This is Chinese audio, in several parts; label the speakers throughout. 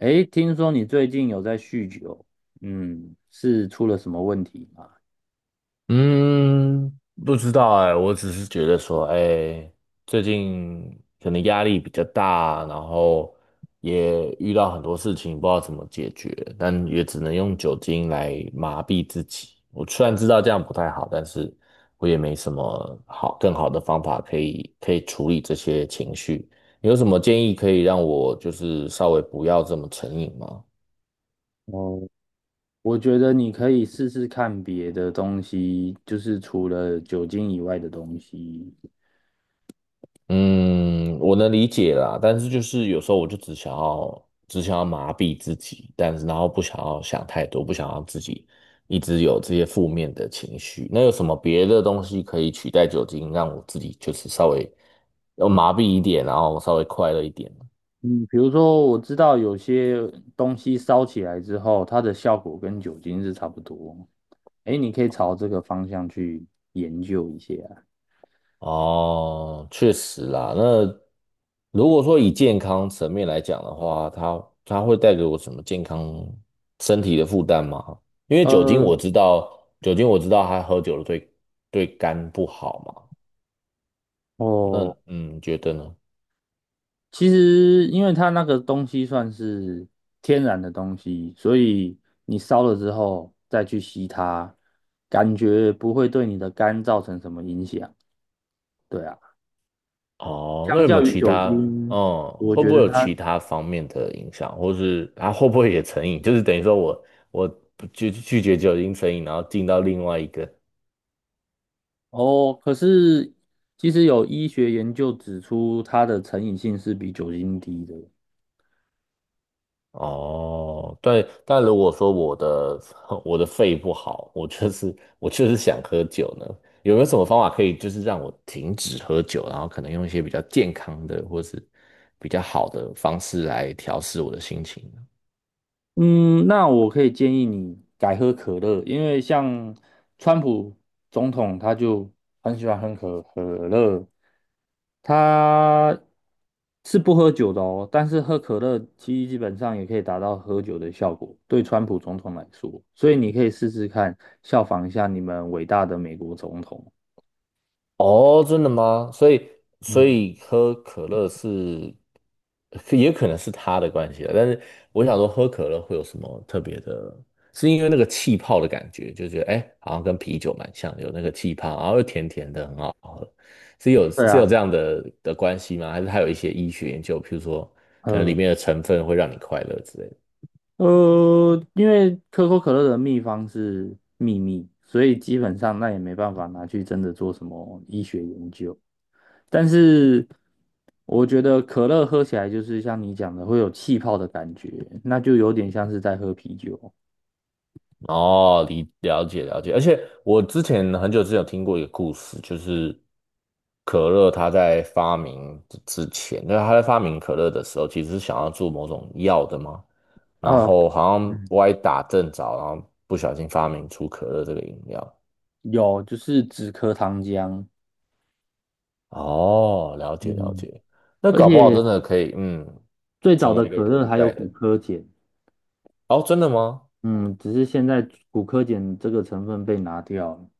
Speaker 1: 诶，听说你最近有在酗酒，嗯，是出了什么问题吗？
Speaker 2: 嗯，不知道哎，我只是觉得说，哎，最近可能压力比较大，然后也遇到很多事情，不知道怎么解决，但也只能用酒精来麻痹自己。我虽然知道这样不太好，但是我也没什么好更好的方法可以处理这些情绪。你有什么建议可以让我就是稍微不要这么成瘾吗？
Speaker 1: 哦，我觉得你可以试试看别的东西，就是除了酒精以外的东西。
Speaker 2: 嗯，我能理解啦，但是就是有时候我就只想要麻痹自己，但是然后不想要想太多，不想要自己一直有这些负面的情绪。那有什么别的东西可以取代酒精，让我自己就是稍微要麻痹一点，然后稍微快乐一点？
Speaker 1: 嗯，比如说我知道有些东西烧起来之后，它的效果跟酒精是差不多。诶，你可以朝这个方向去研究一下。
Speaker 2: 哦，确实啦。那如果说以健康层面来讲的话，它会带给我什么健康身体的负担吗？因为酒精
Speaker 1: 呃，
Speaker 2: 我知道，酒精我知道它喝酒了对肝不好嘛。那
Speaker 1: 哦，
Speaker 2: 你觉得呢？
Speaker 1: 其实，因为它那个东西算是天然的东西，所以你烧了之后再去吸它，感觉不会对你的肝造成什么影响。对啊，
Speaker 2: 哦，那
Speaker 1: 相
Speaker 2: 有没
Speaker 1: 较
Speaker 2: 有
Speaker 1: 于
Speaker 2: 其
Speaker 1: 酒
Speaker 2: 他？
Speaker 1: 精，
Speaker 2: 嗯，
Speaker 1: 我
Speaker 2: 会
Speaker 1: 觉
Speaker 2: 不
Speaker 1: 得
Speaker 2: 会有其
Speaker 1: 它
Speaker 2: 他方面的影响，或是它会不会也成瘾？就是等于说我拒绝酒精成瘾，然后进到另外一个。
Speaker 1: 哦，可是其实有医学研究指出，它的成瘾性是比酒精低的。
Speaker 2: 哦，对，但如果说我的 我的肺不好，我就是 我就是想喝酒呢，有没有什么方法可以就是让我停止喝酒，然后可能用一些比较健康的或是比较好的方式来调试我的心情呢？
Speaker 1: 嗯，那我可以建议你改喝可乐，因为像川普总统他就很喜欢喝可乐，他是不喝酒的哦，但是喝可乐基本上也可以达到喝酒的效果，对川普总统来说，所以你可以试试看，效仿一下你们伟大的美国总统。
Speaker 2: 哦，真的吗？所以，所
Speaker 1: 嗯，
Speaker 2: 以喝可乐是，可也可能是他的关系了。但是我想说，喝可乐会有什么特别的？是因为那个气泡的感觉，就觉得哎，诶好像跟啤酒蛮像的，有那个气泡，然后又甜甜的，很好喝。是有
Speaker 1: 对
Speaker 2: 是有
Speaker 1: 啊，
Speaker 2: 这样的关系吗？还是它有一些医学研究，譬如说可能里
Speaker 1: 呃，
Speaker 2: 面的成分会让你快乐之类的？
Speaker 1: 因为可口可乐的秘方是秘密，所以基本上那也没办法拿去真的做什么医学研究。但是我觉得可乐喝起来就是像你讲的会有气泡的感觉，那就有点像是在喝啤酒
Speaker 2: 哦，理了解了解，而且我之前很久之前有听过一个故事，就是可乐它在发明之前，那是它在发明可乐的时候，其实是想要做某种药的嘛，然
Speaker 1: 啊。
Speaker 2: 后好像
Speaker 1: 嗯
Speaker 2: 歪打正着，然后不小心发明出可乐这个饮料。
Speaker 1: 有，就是止咳糖浆，
Speaker 2: 哦，了解了
Speaker 1: 嗯，
Speaker 2: 解，那
Speaker 1: 而
Speaker 2: 搞不好
Speaker 1: 且
Speaker 2: 真的可以，
Speaker 1: 最早
Speaker 2: 成
Speaker 1: 的
Speaker 2: 为一个
Speaker 1: 可乐
Speaker 2: 替
Speaker 1: 还有
Speaker 2: 代
Speaker 1: 骨
Speaker 2: 的。
Speaker 1: 科碱，
Speaker 2: 哦，真的吗？
Speaker 1: 嗯，只是现在骨科碱这个成分被拿掉了。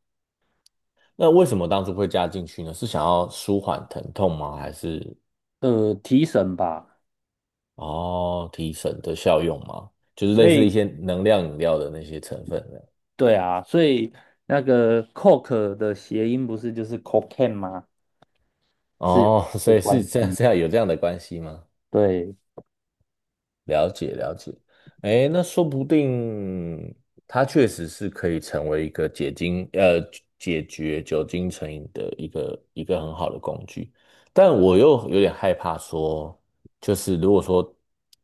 Speaker 2: 那为什么当初会加进去呢？是想要舒缓疼痛吗？还是？
Speaker 1: 提神吧。
Speaker 2: 哦，提神的效用吗？就是
Speaker 1: 所
Speaker 2: 类似
Speaker 1: 以。
Speaker 2: 一些能量饮料的那些成分的。
Speaker 1: 对啊，所以那个 coke 的谐音不是就是 cocaine 吗？是有
Speaker 2: 哦，
Speaker 1: 这
Speaker 2: 所
Speaker 1: 个
Speaker 2: 以是
Speaker 1: 关
Speaker 2: 这样，
Speaker 1: 系。
Speaker 2: 这样有这样的关系吗？
Speaker 1: 对，
Speaker 2: 了解了解，哎，那说不定它确实是可以成为一个解决酒精成瘾的一个很好的工具，但我又有点害怕说，就是如果说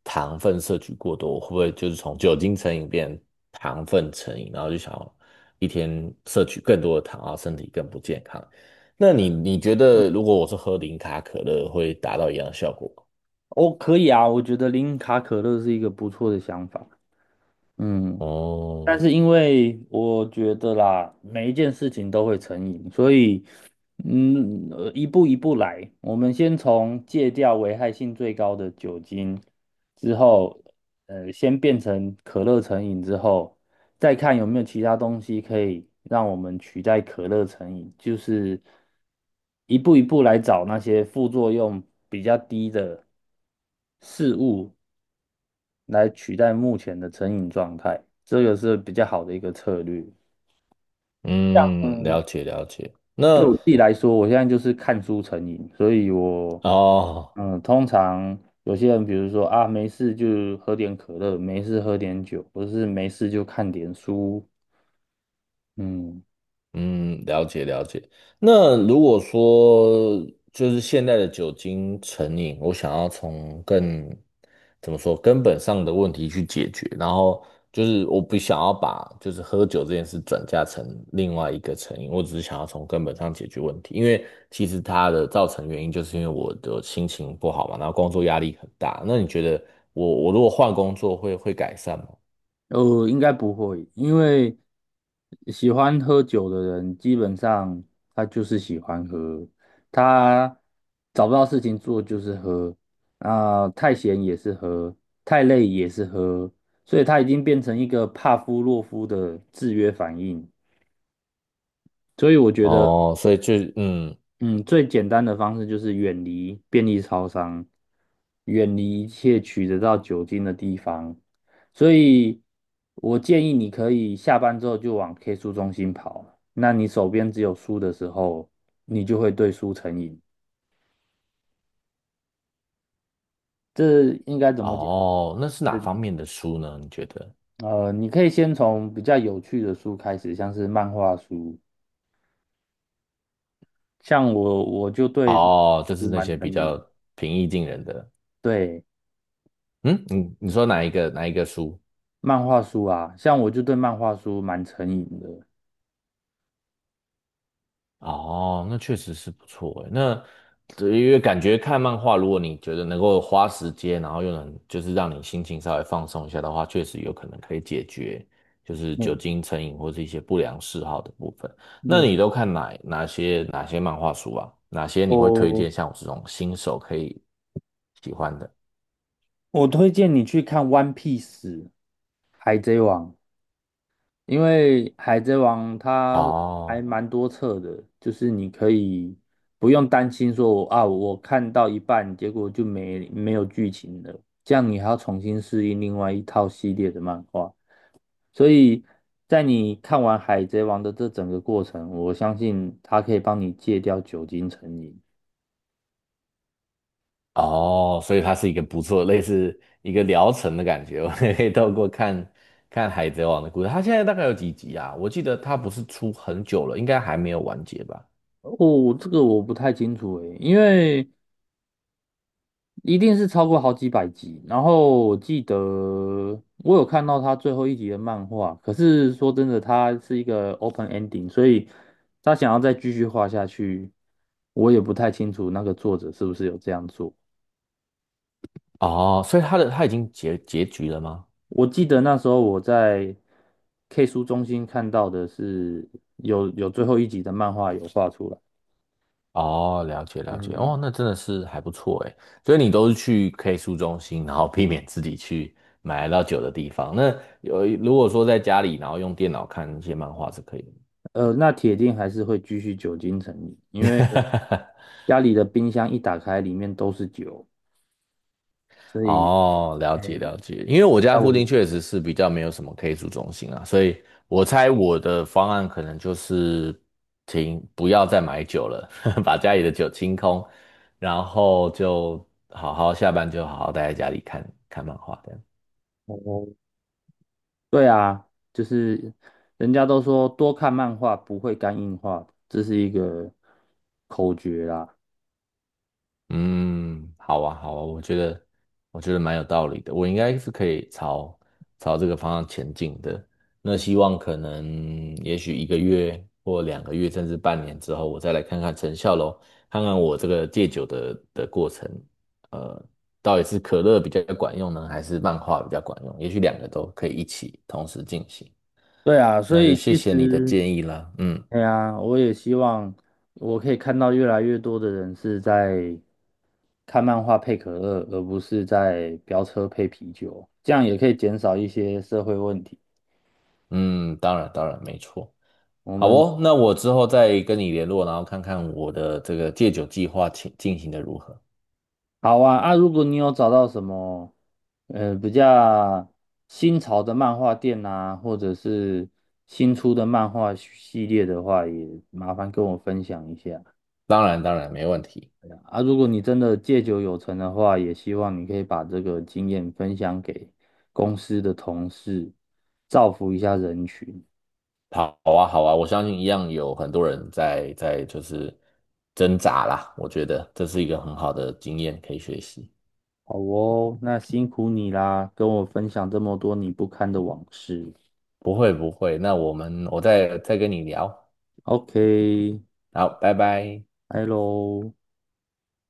Speaker 2: 糖分摄取过多，会不会就是从酒精成瘾变糖分成瘾，然后就想要一天摄取更多的糖，啊，身体更不健康？那你觉得如果我是喝零卡可乐，会达到一样的效果吗？
Speaker 1: 哦，可以啊，我觉得零卡可乐是一个不错的想法。嗯。
Speaker 2: 哦。
Speaker 1: 但是因为我觉得啦，每一件事情都会成瘾，所以，一步一步来。我们先从戒掉危害性最高的酒精，之后先变成可乐成瘾之后，再看有没有其他东西可以让我们取代可乐成瘾，就是一步一步来找那些副作用比较低的事物来取代目前的成瘾状态，这个是比较好的一个策略。
Speaker 2: 嗯，了
Speaker 1: 嗯，
Speaker 2: 解了解。
Speaker 1: 对我
Speaker 2: 那
Speaker 1: 自己来说，我现在就是看书成瘾，所以我，
Speaker 2: 哦，
Speaker 1: 嗯，通常有些人，比如说啊，没事就喝点可乐，没事喝点酒，或者是没事就看点书，嗯，
Speaker 2: 嗯，了解了解。那如果说就是现在的酒精成瘾，我想要从更怎么说根本上的问题去解决，然后就是我不想要把就是喝酒这件事转嫁成另外一个成瘾，我只是想要从根本上解决问题，因为其实它的造成原因就是因为我的心情不好嘛，然后工作压力很大。那你觉得我如果换工作会改善吗？
Speaker 1: 应该不会，因为喜欢喝酒的人，基本上他就是喜欢喝，他找不到事情做就是喝，啊、太闲也是喝，太累也是喝，所以他已经变成一个帕夫洛夫的制约反应。所以我觉得
Speaker 2: 哦，所以就
Speaker 1: 嗯，最简单的方式就是远离便利超商，远离一切取得到酒精的地方。所以，我建议你可以下班之后就往 K 书中心跑。那你手边只有书的时候，你就会对书成瘾。这应该怎么讲？
Speaker 2: 哦，那是哪
Speaker 1: 这
Speaker 2: 方面的书呢？你觉得？
Speaker 1: 你可以先从比较有趣的书开始，像是漫画书。像我，我就对
Speaker 2: 哦，就是
Speaker 1: 书
Speaker 2: 那
Speaker 1: 蛮
Speaker 2: 些
Speaker 1: 成
Speaker 2: 比较
Speaker 1: 瘾。
Speaker 2: 平易近人的。
Speaker 1: 对，
Speaker 2: 嗯，你说哪一个书？
Speaker 1: 漫画书啊，像我就对漫画书蛮成瘾的。
Speaker 2: 哦，那确实是不错诶。那对因为感觉看漫画，如果你觉得能够花时间，然后又能就是让你心情稍微放松一下的话，确实有可能可以解决就是酒
Speaker 1: 嗯
Speaker 2: 精成瘾或是一些不良嗜好的部分。那
Speaker 1: 没
Speaker 2: 你都
Speaker 1: 错，
Speaker 2: 看哪些漫画书啊？哪些你会推
Speaker 1: 我
Speaker 2: 荐像我这种新手可以喜欢的？
Speaker 1: 我推荐你去看《One Piece》海贼王，因为海贼王它还
Speaker 2: 哦。
Speaker 1: 蛮多册的，就是你可以不用担心说啊，我看到一半结果就没有剧情了，这样你还要重新适应另外一套系列的漫画，所以在你看完海贼王的这整个过程，我相信它可以帮你戒掉酒精成瘾。
Speaker 2: 哦，所以它是一个不错，类似一个疗程的感觉。我们可以透过看看《海贼王》的故事。它现在大概有几集啊？我记得它不是出很久了，应该还没有完结吧？
Speaker 1: 哦，这个我不太清楚诶，因为一定是超过好几百集。然后我记得我有看到他最后一集的漫画，可是说真的，他是一个 open ending，所以他想要再继续画下去，我也不太清楚那个作者是不是有这样做。
Speaker 2: 哦，所以它的它已经结局了吗？
Speaker 1: 我记得那时候我在 K 书中心看到的是有最后一集的漫画有画出来，
Speaker 2: 哦，了解了解。
Speaker 1: 嗯，
Speaker 2: 哦，那真的是还不错诶。所以你都是去 K 书中心，然后避免自己去买到酒的地方。那有如果说在家里，然后用电脑看一些漫画是可以的。
Speaker 1: 那铁定还是会继续久经成瘾，因为 家里的冰箱一打开，里面都是酒。
Speaker 2: 哦，了
Speaker 1: 哎
Speaker 2: 解了解，因为我家
Speaker 1: 要我
Speaker 2: 附近确实是比较没有什么 K 组中心啊，所以我猜我的方案可能就是停，不要再买酒了，把家里的酒清空，然后就好好下班就好好待在家里看看漫画这样。
Speaker 1: 哦，对啊，就是人家都说多看漫画不会肝硬化，这是一个口诀啦。
Speaker 2: 嗯，好啊，好啊，我觉得蛮有道理的，我应该是可以朝这个方向前进的。那希望可能也许一个月或两个月，甚至半年之后，我再来看看成效咯，看看我这个戒酒的过程，呃，到底是可乐比较管用呢，还是漫画比较管用？也许两个都可以一起同时进行。
Speaker 1: 对啊，所
Speaker 2: 那就
Speaker 1: 以
Speaker 2: 谢
Speaker 1: 其
Speaker 2: 谢你的
Speaker 1: 实，
Speaker 2: 建议啦，嗯
Speaker 1: 哎呀，我也希望我可以看到越来越多的人是在看漫画配可乐，而不是在飙车配啤酒，这样也可以减少一些社会问题。
Speaker 2: 嗯，当然当然没错。
Speaker 1: 我
Speaker 2: 好
Speaker 1: 们
Speaker 2: 哦，那我之后再跟你联络，然后看看我的这个戒酒计划进行的如何。
Speaker 1: 好啊，啊，如果你有找到什么，比较新潮的漫画店啊，或者是新出的漫画系列的话，也麻烦跟我分享一下。
Speaker 2: 当然，当然没问题。
Speaker 1: 啊，如果你真的戒酒有成的话，也希望你可以把这个经验分享给公司的同事，造福一下人群。
Speaker 2: 好啊，好啊，我相信一样有很多人在就是挣扎啦。我觉得这是一个很好的经验可以学习。
Speaker 1: 好哦，那辛苦你啦，跟我分享这么多你不堪的往事。
Speaker 2: 不会不会，那我们我再跟你聊。
Speaker 1: OK，
Speaker 2: 好，拜拜。
Speaker 1: 拜喽。